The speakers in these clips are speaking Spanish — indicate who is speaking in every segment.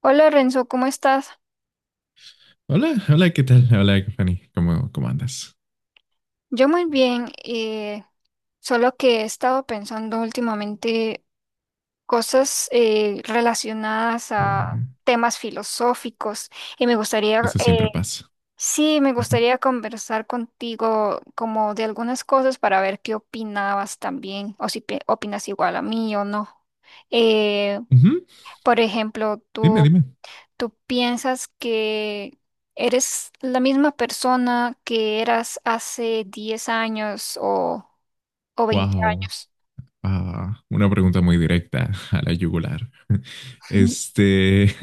Speaker 1: Hola Renzo, ¿cómo estás?
Speaker 2: Hola, hola, ¿qué tal? Hola, Fanny, ¿cómo andas?
Speaker 1: Yo muy bien, solo que he estado pensando últimamente cosas relacionadas
Speaker 2: Oh,
Speaker 1: a temas filosóficos y me gustaría,
Speaker 2: eso siempre pasa.
Speaker 1: sí, me
Speaker 2: Ujú.
Speaker 1: gustaría conversar contigo como de algunas cosas para ver qué opinabas también o si opinas igual a mí o no. Eh,
Speaker 2: Ujú.
Speaker 1: por ejemplo,
Speaker 2: Dime, dime.
Speaker 1: ¿tú piensas que eres la misma persona que eras hace 10 años o veinte
Speaker 2: Wow.
Speaker 1: años?
Speaker 2: Ah, una pregunta muy directa a la yugular. Este,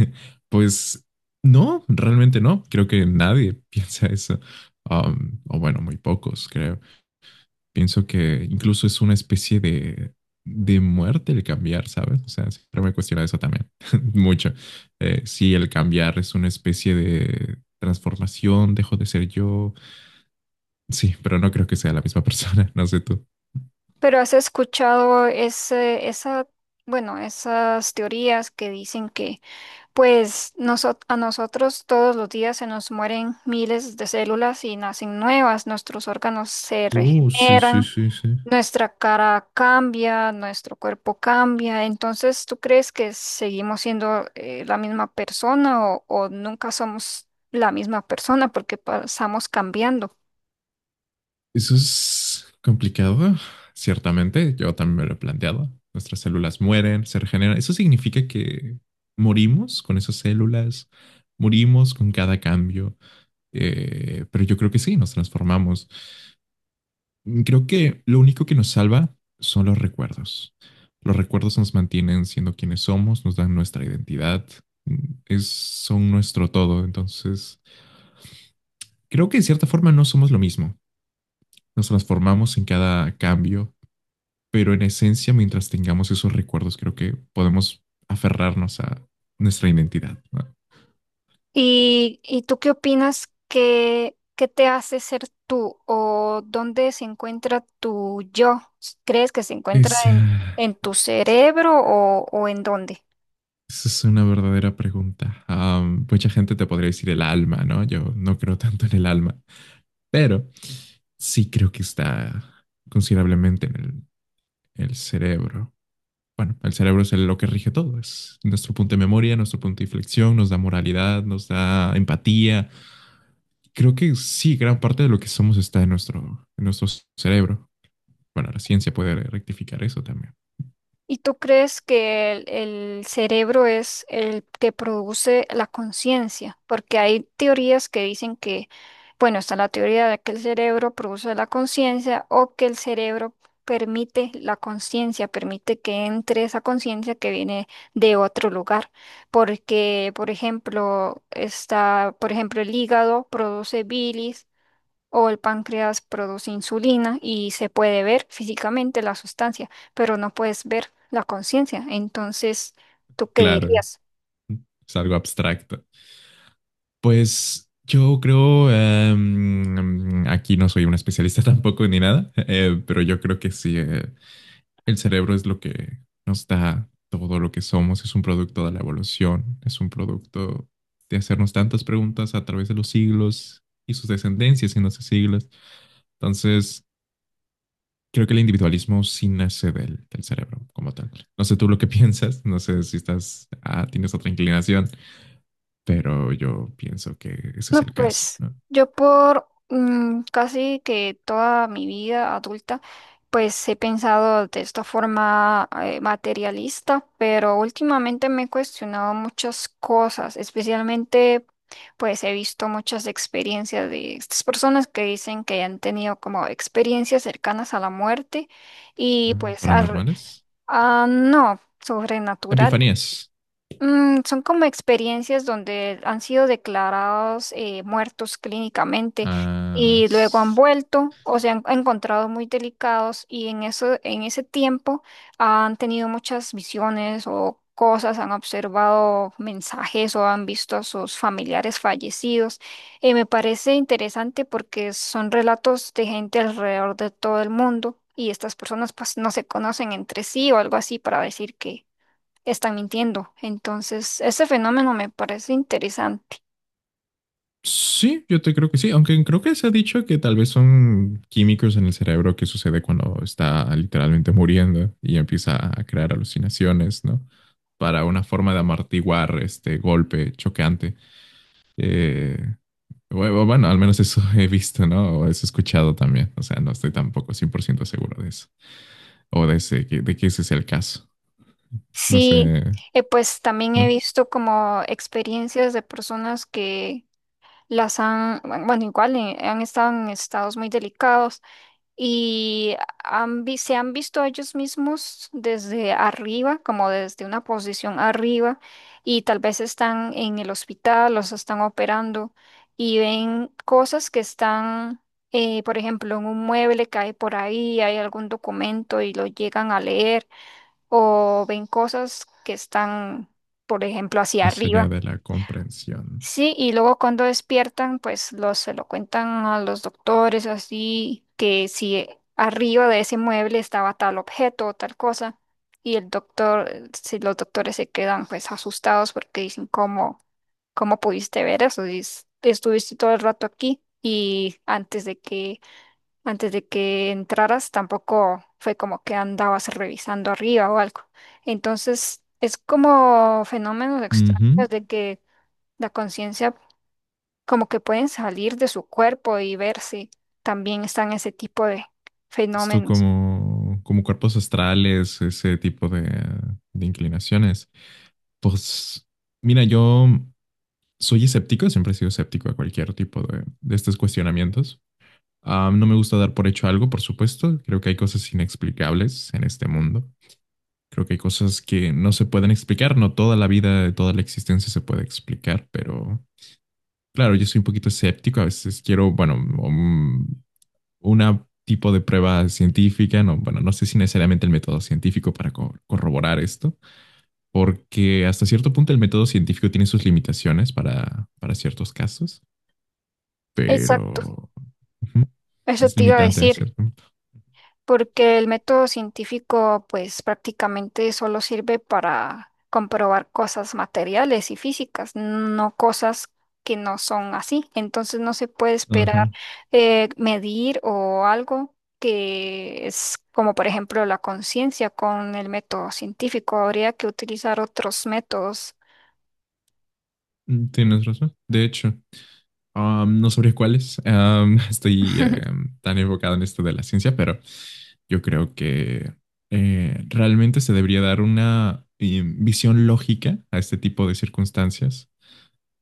Speaker 2: pues no, realmente no. Creo que nadie piensa eso. O bueno, muy pocos, creo. Pienso que incluso es una especie de muerte el cambiar, ¿sabes? O sea, siempre me he cuestionado eso también, mucho. Si el cambiar es una especie de transformación, dejo de ser yo. Sí, pero no creo que sea la misma persona, no sé tú.
Speaker 1: Pero has escuchado esas teorías que dicen que, pues, a nosotros todos los días se nos mueren miles de células y nacen nuevas, nuestros órganos se
Speaker 2: Oh, sí, sí,
Speaker 1: regeneran,
Speaker 2: sí, sí.
Speaker 1: nuestra cara cambia, nuestro cuerpo cambia. Entonces, ¿tú crees que seguimos siendo la misma persona o nunca somos la misma persona porque pasamos cambiando?
Speaker 2: Eso es complicado, ciertamente. Yo también me lo he planteado. Nuestras células mueren, se regeneran. Eso significa que morimos con esas células, morimos con cada cambio. Pero yo creo que sí, nos transformamos. Creo que lo único que nos salva son los recuerdos. Los recuerdos nos mantienen siendo quienes somos, nos dan nuestra identidad, es, son nuestro todo. Entonces, creo que de cierta forma no somos lo mismo. Nos transformamos en cada cambio, pero en esencia, mientras tengamos esos recuerdos, creo que podemos aferrarnos a nuestra identidad, ¿no?
Speaker 1: Y tú qué opinas? ¿Qué, qué te hace ser tú o dónde se encuentra tu yo? ¿Crees que se encuentra
Speaker 2: Esa,
Speaker 1: en tu cerebro o en dónde?
Speaker 2: esa es una verdadera pregunta. Am, mucha gente te podría decir el alma, ¿no? Yo no creo tanto en el alma, pero sí creo que está considerablemente en el cerebro. Bueno, el cerebro es el- lo que rige todo, es nuestro punto de memoria, nuestro punto de inflexión, nos da moralidad, nos da empatía. Creo que sí, gran parte de lo que somos está en nuestro cerebro. Bueno, la ciencia puede rectificar eso también.
Speaker 1: ¿Y tú crees que el cerebro es el que produce la conciencia? Porque hay teorías que dicen que, bueno, está la teoría de que el cerebro produce la conciencia o que el cerebro permite la conciencia, permite que entre esa conciencia que viene de otro lugar. Porque, por ejemplo, por ejemplo, el hígado produce bilis o el páncreas produce insulina y se puede ver físicamente la sustancia, pero no puedes ver la conciencia. Entonces, ¿tú qué
Speaker 2: Claro,
Speaker 1: dirías?
Speaker 2: es algo abstracto. Pues yo creo, aquí no soy un especialista tampoco ni nada, pero yo creo que sí. El cerebro es lo que nos da todo lo que somos, es un producto de la evolución, es un producto de hacernos tantas preguntas a través de los siglos y sus descendencias en los siglos. Entonces, creo que el individualismo sí nace del cerebro como tal. No sé tú lo que piensas, no sé si estás, ah, tienes otra inclinación, pero yo pienso que ese es
Speaker 1: No,
Speaker 2: el caso,
Speaker 1: pues
Speaker 2: ¿no?
Speaker 1: yo por casi que toda mi vida adulta, pues he pensado de esta forma materialista, pero últimamente me he cuestionado muchas cosas, especialmente pues he visto muchas experiencias de estas personas que dicen que han tenido como experiencias cercanas a la muerte y
Speaker 2: Ah,
Speaker 1: pues
Speaker 2: paranormales.
Speaker 1: no, sobrenatural.
Speaker 2: Epifanías.
Speaker 1: Mm, son como experiencias donde han sido declarados muertos clínicamente
Speaker 2: Ah,
Speaker 1: y luego han vuelto o se han encontrado muy delicados y en eso, en ese tiempo han tenido muchas visiones o cosas, han observado mensajes o han visto a sus familiares fallecidos. Me parece interesante porque son relatos de gente alrededor de todo el mundo y estas personas pues no se conocen entre sí o algo así para decir que están mintiendo. Entonces, ese fenómeno me parece interesante.
Speaker 2: sí, yo te creo que sí, aunque creo que se ha dicho que tal vez son químicos en el cerebro que sucede cuando está literalmente muriendo y empieza a crear alucinaciones, ¿no? Para una forma de amortiguar este golpe choqueante. Eh, bueno, bueno, al menos eso he visto, ¿no? O eso he escuchado también. O sea, no estoy tampoco 100% seguro de eso. O de, ese, de que ese es el caso. No
Speaker 1: Sí,
Speaker 2: sé,
Speaker 1: pues también he
Speaker 2: ¿no?
Speaker 1: visto como experiencias de personas que las han, bueno, igual han estado en estados muy delicados y se han visto a ellos mismos desde arriba, como desde una posición arriba, y tal vez están en el hospital, los están operando y ven cosas que están, por ejemplo, en un mueble cae por ahí, hay algún documento y lo llegan a leer, o ven cosas que están, por ejemplo, hacia
Speaker 2: Más allá
Speaker 1: arriba.
Speaker 2: de la comprensión.
Speaker 1: Sí, y luego cuando despiertan, pues los, se lo cuentan a los doctores, así que si arriba de ese mueble estaba tal objeto o tal cosa, y el doctor, si los doctores se quedan pues asustados porque dicen, ¿cómo, cómo pudiste ver eso? Si es- Estuviste todo el rato aquí y antes de que entraras tampoco fue como que andabas revisando arriba o algo. Entonces, es como fenómenos extraños de que la conciencia como que pueden salir de su cuerpo y verse. También están ese tipo de
Speaker 2: Esto
Speaker 1: fenómenos.
Speaker 2: como, como cuerpos astrales, ese tipo de inclinaciones. Pues mira, yo soy escéptico, siempre he sido escéptico a cualquier tipo de estos cuestionamientos. Ah, no me gusta dar por hecho algo, por supuesto. Creo que hay cosas inexplicables en este mundo. Creo que hay cosas que no se pueden explicar. No toda la vida, toda la existencia se puede explicar, pero claro, yo soy un poquito escéptico. A veces quiero, bueno, una tipo de prueba científica, no, bueno, no sé si necesariamente el método científico para co- corroborar esto, porque hasta cierto punto el método científico tiene sus limitaciones para ciertos casos,
Speaker 1: Exacto,
Speaker 2: pero ujú,
Speaker 1: eso
Speaker 2: es
Speaker 1: te iba a
Speaker 2: limitante en
Speaker 1: decir,
Speaker 2: cierto punto.
Speaker 1: porque el método científico pues prácticamente solo sirve para comprobar cosas materiales y físicas, no cosas que no son así. Entonces no se puede esperar
Speaker 2: Ajá,
Speaker 1: medir o algo que es como por ejemplo la conciencia con el método científico. Habría que utilizar otros métodos.
Speaker 2: tienes razón. De hecho, no sabría cuáles. Am, estoy tan enfocado en esto de la ciencia, pero yo creo que realmente se debería dar una visión lógica a este tipo de circunstancias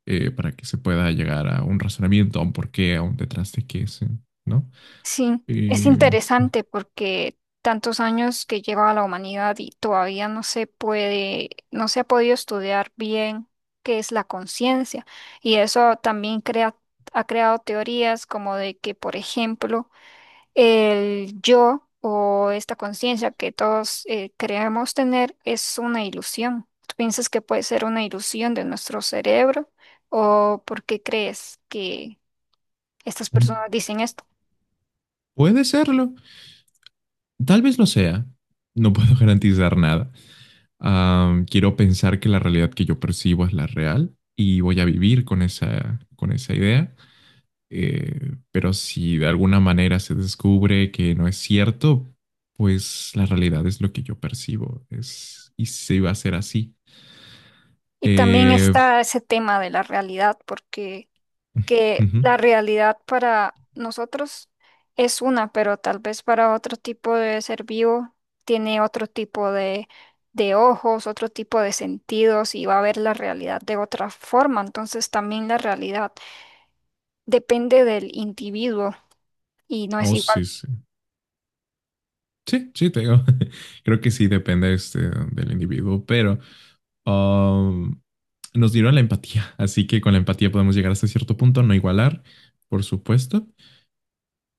Speaker 2: para que se pueda llegar a un razonamiento, a un porqué, a un detrás de qué, se- ¿no?
Speaker 1: Sí, es
Speaker 2: Eh,
Speaker 1: interesante porque tantos años que lleva la humanidad y todavía no se puede, no se ha podido estudiar bien qué es la conciencia. Y eso también crea, ha creado teorías como de que, por ejemplo, el yo o esta conciencia que todos creemos tener es una ilusión. ¿Tú piensas que puede ser una ilusión de nuestro cerebro? ¿O por qué crees que estas personas dicen esto?
Speaker 2: puede serlo, tal vez lo sea, no puedo garantizar nada. Ah, quiero pensar que la realidad que yo percibo es la real y voy a vivir con esa idea. Pero si de alguna manera se descubre que no es cierto, pues la realidad es lo que yo percibo. Es, y se va a ser así.
Speaker 1: Y también
Speaker 2: Eh,
Speaker 1: está ese tema de la realidad, porque que
Speaker 2: ujú.
Speaker 1: la realidad para nosotros es una, pero tal vez para otro tipo de ser vivo tiene otro tipo de ojos, otro tipo de sentidos y va a ver la realidad de otra forma. Entonces también la realidad depende del individuo y no es
Speaker 2: Oh,
Speaker 1: igual.
Speaker 2: sí, sí. Sí, sí, te digo. Creo que sí depende este, del individuo, pero um, nos dieron la empatía, así que con la empatía podemos llegar hasta cierto punto, no igualar, por supuesto,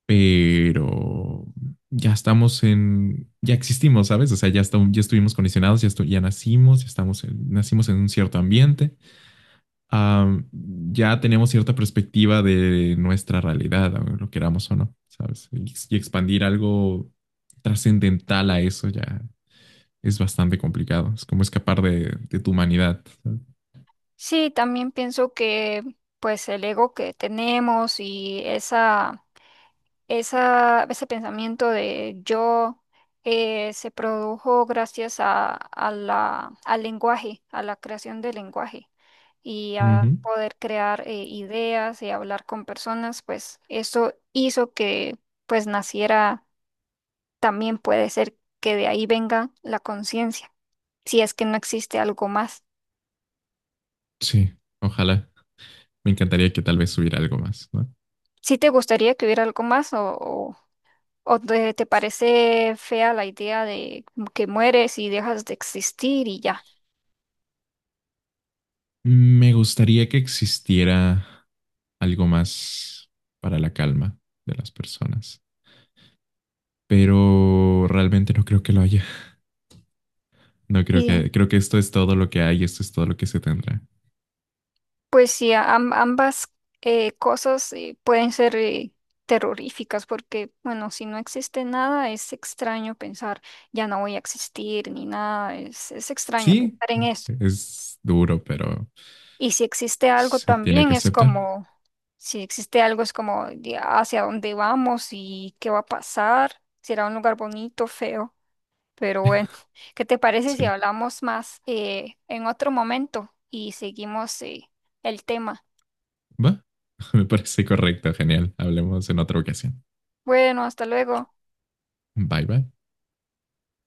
Speaker 2: pero ya estamos en, ya existimos, ¿sabes? O sea, ya, estamos, ya estuvimos condicionados, ya, estu- ya nacimos, ya estamos en- nacimos en un cierto ambiente, am, ya tenemos cierta perspectiva de nuestra realidad, lo queramos o no, ¿sabes? Y expandir algo trascendental a eso ya es bastante complicado. Es como escapar de tu humanidad.
Speaker 1: Sí, también pienso que pues el ego que tenemos y ese pensamiento de yo se produjo gracias a la, al lenguaje, a la creación del lenguaje y a
Speaker 2: Ujú.
Speaker 1: poder crear ideas y hablar con personas, pues eso hizo que pues naciera, también puede ser que de ahí venga la conciencia, si es que no existe algo más.
Speaker 2: Sí, ojalá. Me encantaría que tal vez hubiera algo más, ¿no?
Speaker 1: ¿Si te gustaría que hubiera algo más o te parece fea la idea de que mueres y dejas de existir y ya?
Speaker 2: Me gustaría que existiera algo más para la calma de las personas, pero realmente no creo que lo haya. No creo
Speaker 1: Y
Speaker 2: que, creo que esto es todo lo que hay, esto es todo lo que se tendrá.
Speaker 1: pues sí, ambas cosas pueden ser terroríficas porque, bueno, si no existe nada, es extraño pensar, ya no voy a existir ni nada, es extraño
Speaker 2: Sí,
Speaker 1: pensar en eso.
Speaker 2: es duro, pero
Speaker 1: Y si existe algo
Speaker 2: se tiene
Speaker 1: también
Speaker 2: que
Speaker 1: es
Speaker 2: aceptar.
Speaker 1: como, si existe algo es como de hacia dónde vamos y qué va a pasar, será un lugar bonito, feo, pero bueno, ¿qué te parece si
Speaker 2: Sí,
Speaker 1: hablamos más en otro momento y seguimos el tema?
Speaker 2: va. Me parece correcto, genial. Hablemos en otra ocasión.
Speaker 1: Bueno, hasta luego.
Speaker 2: Bye bye.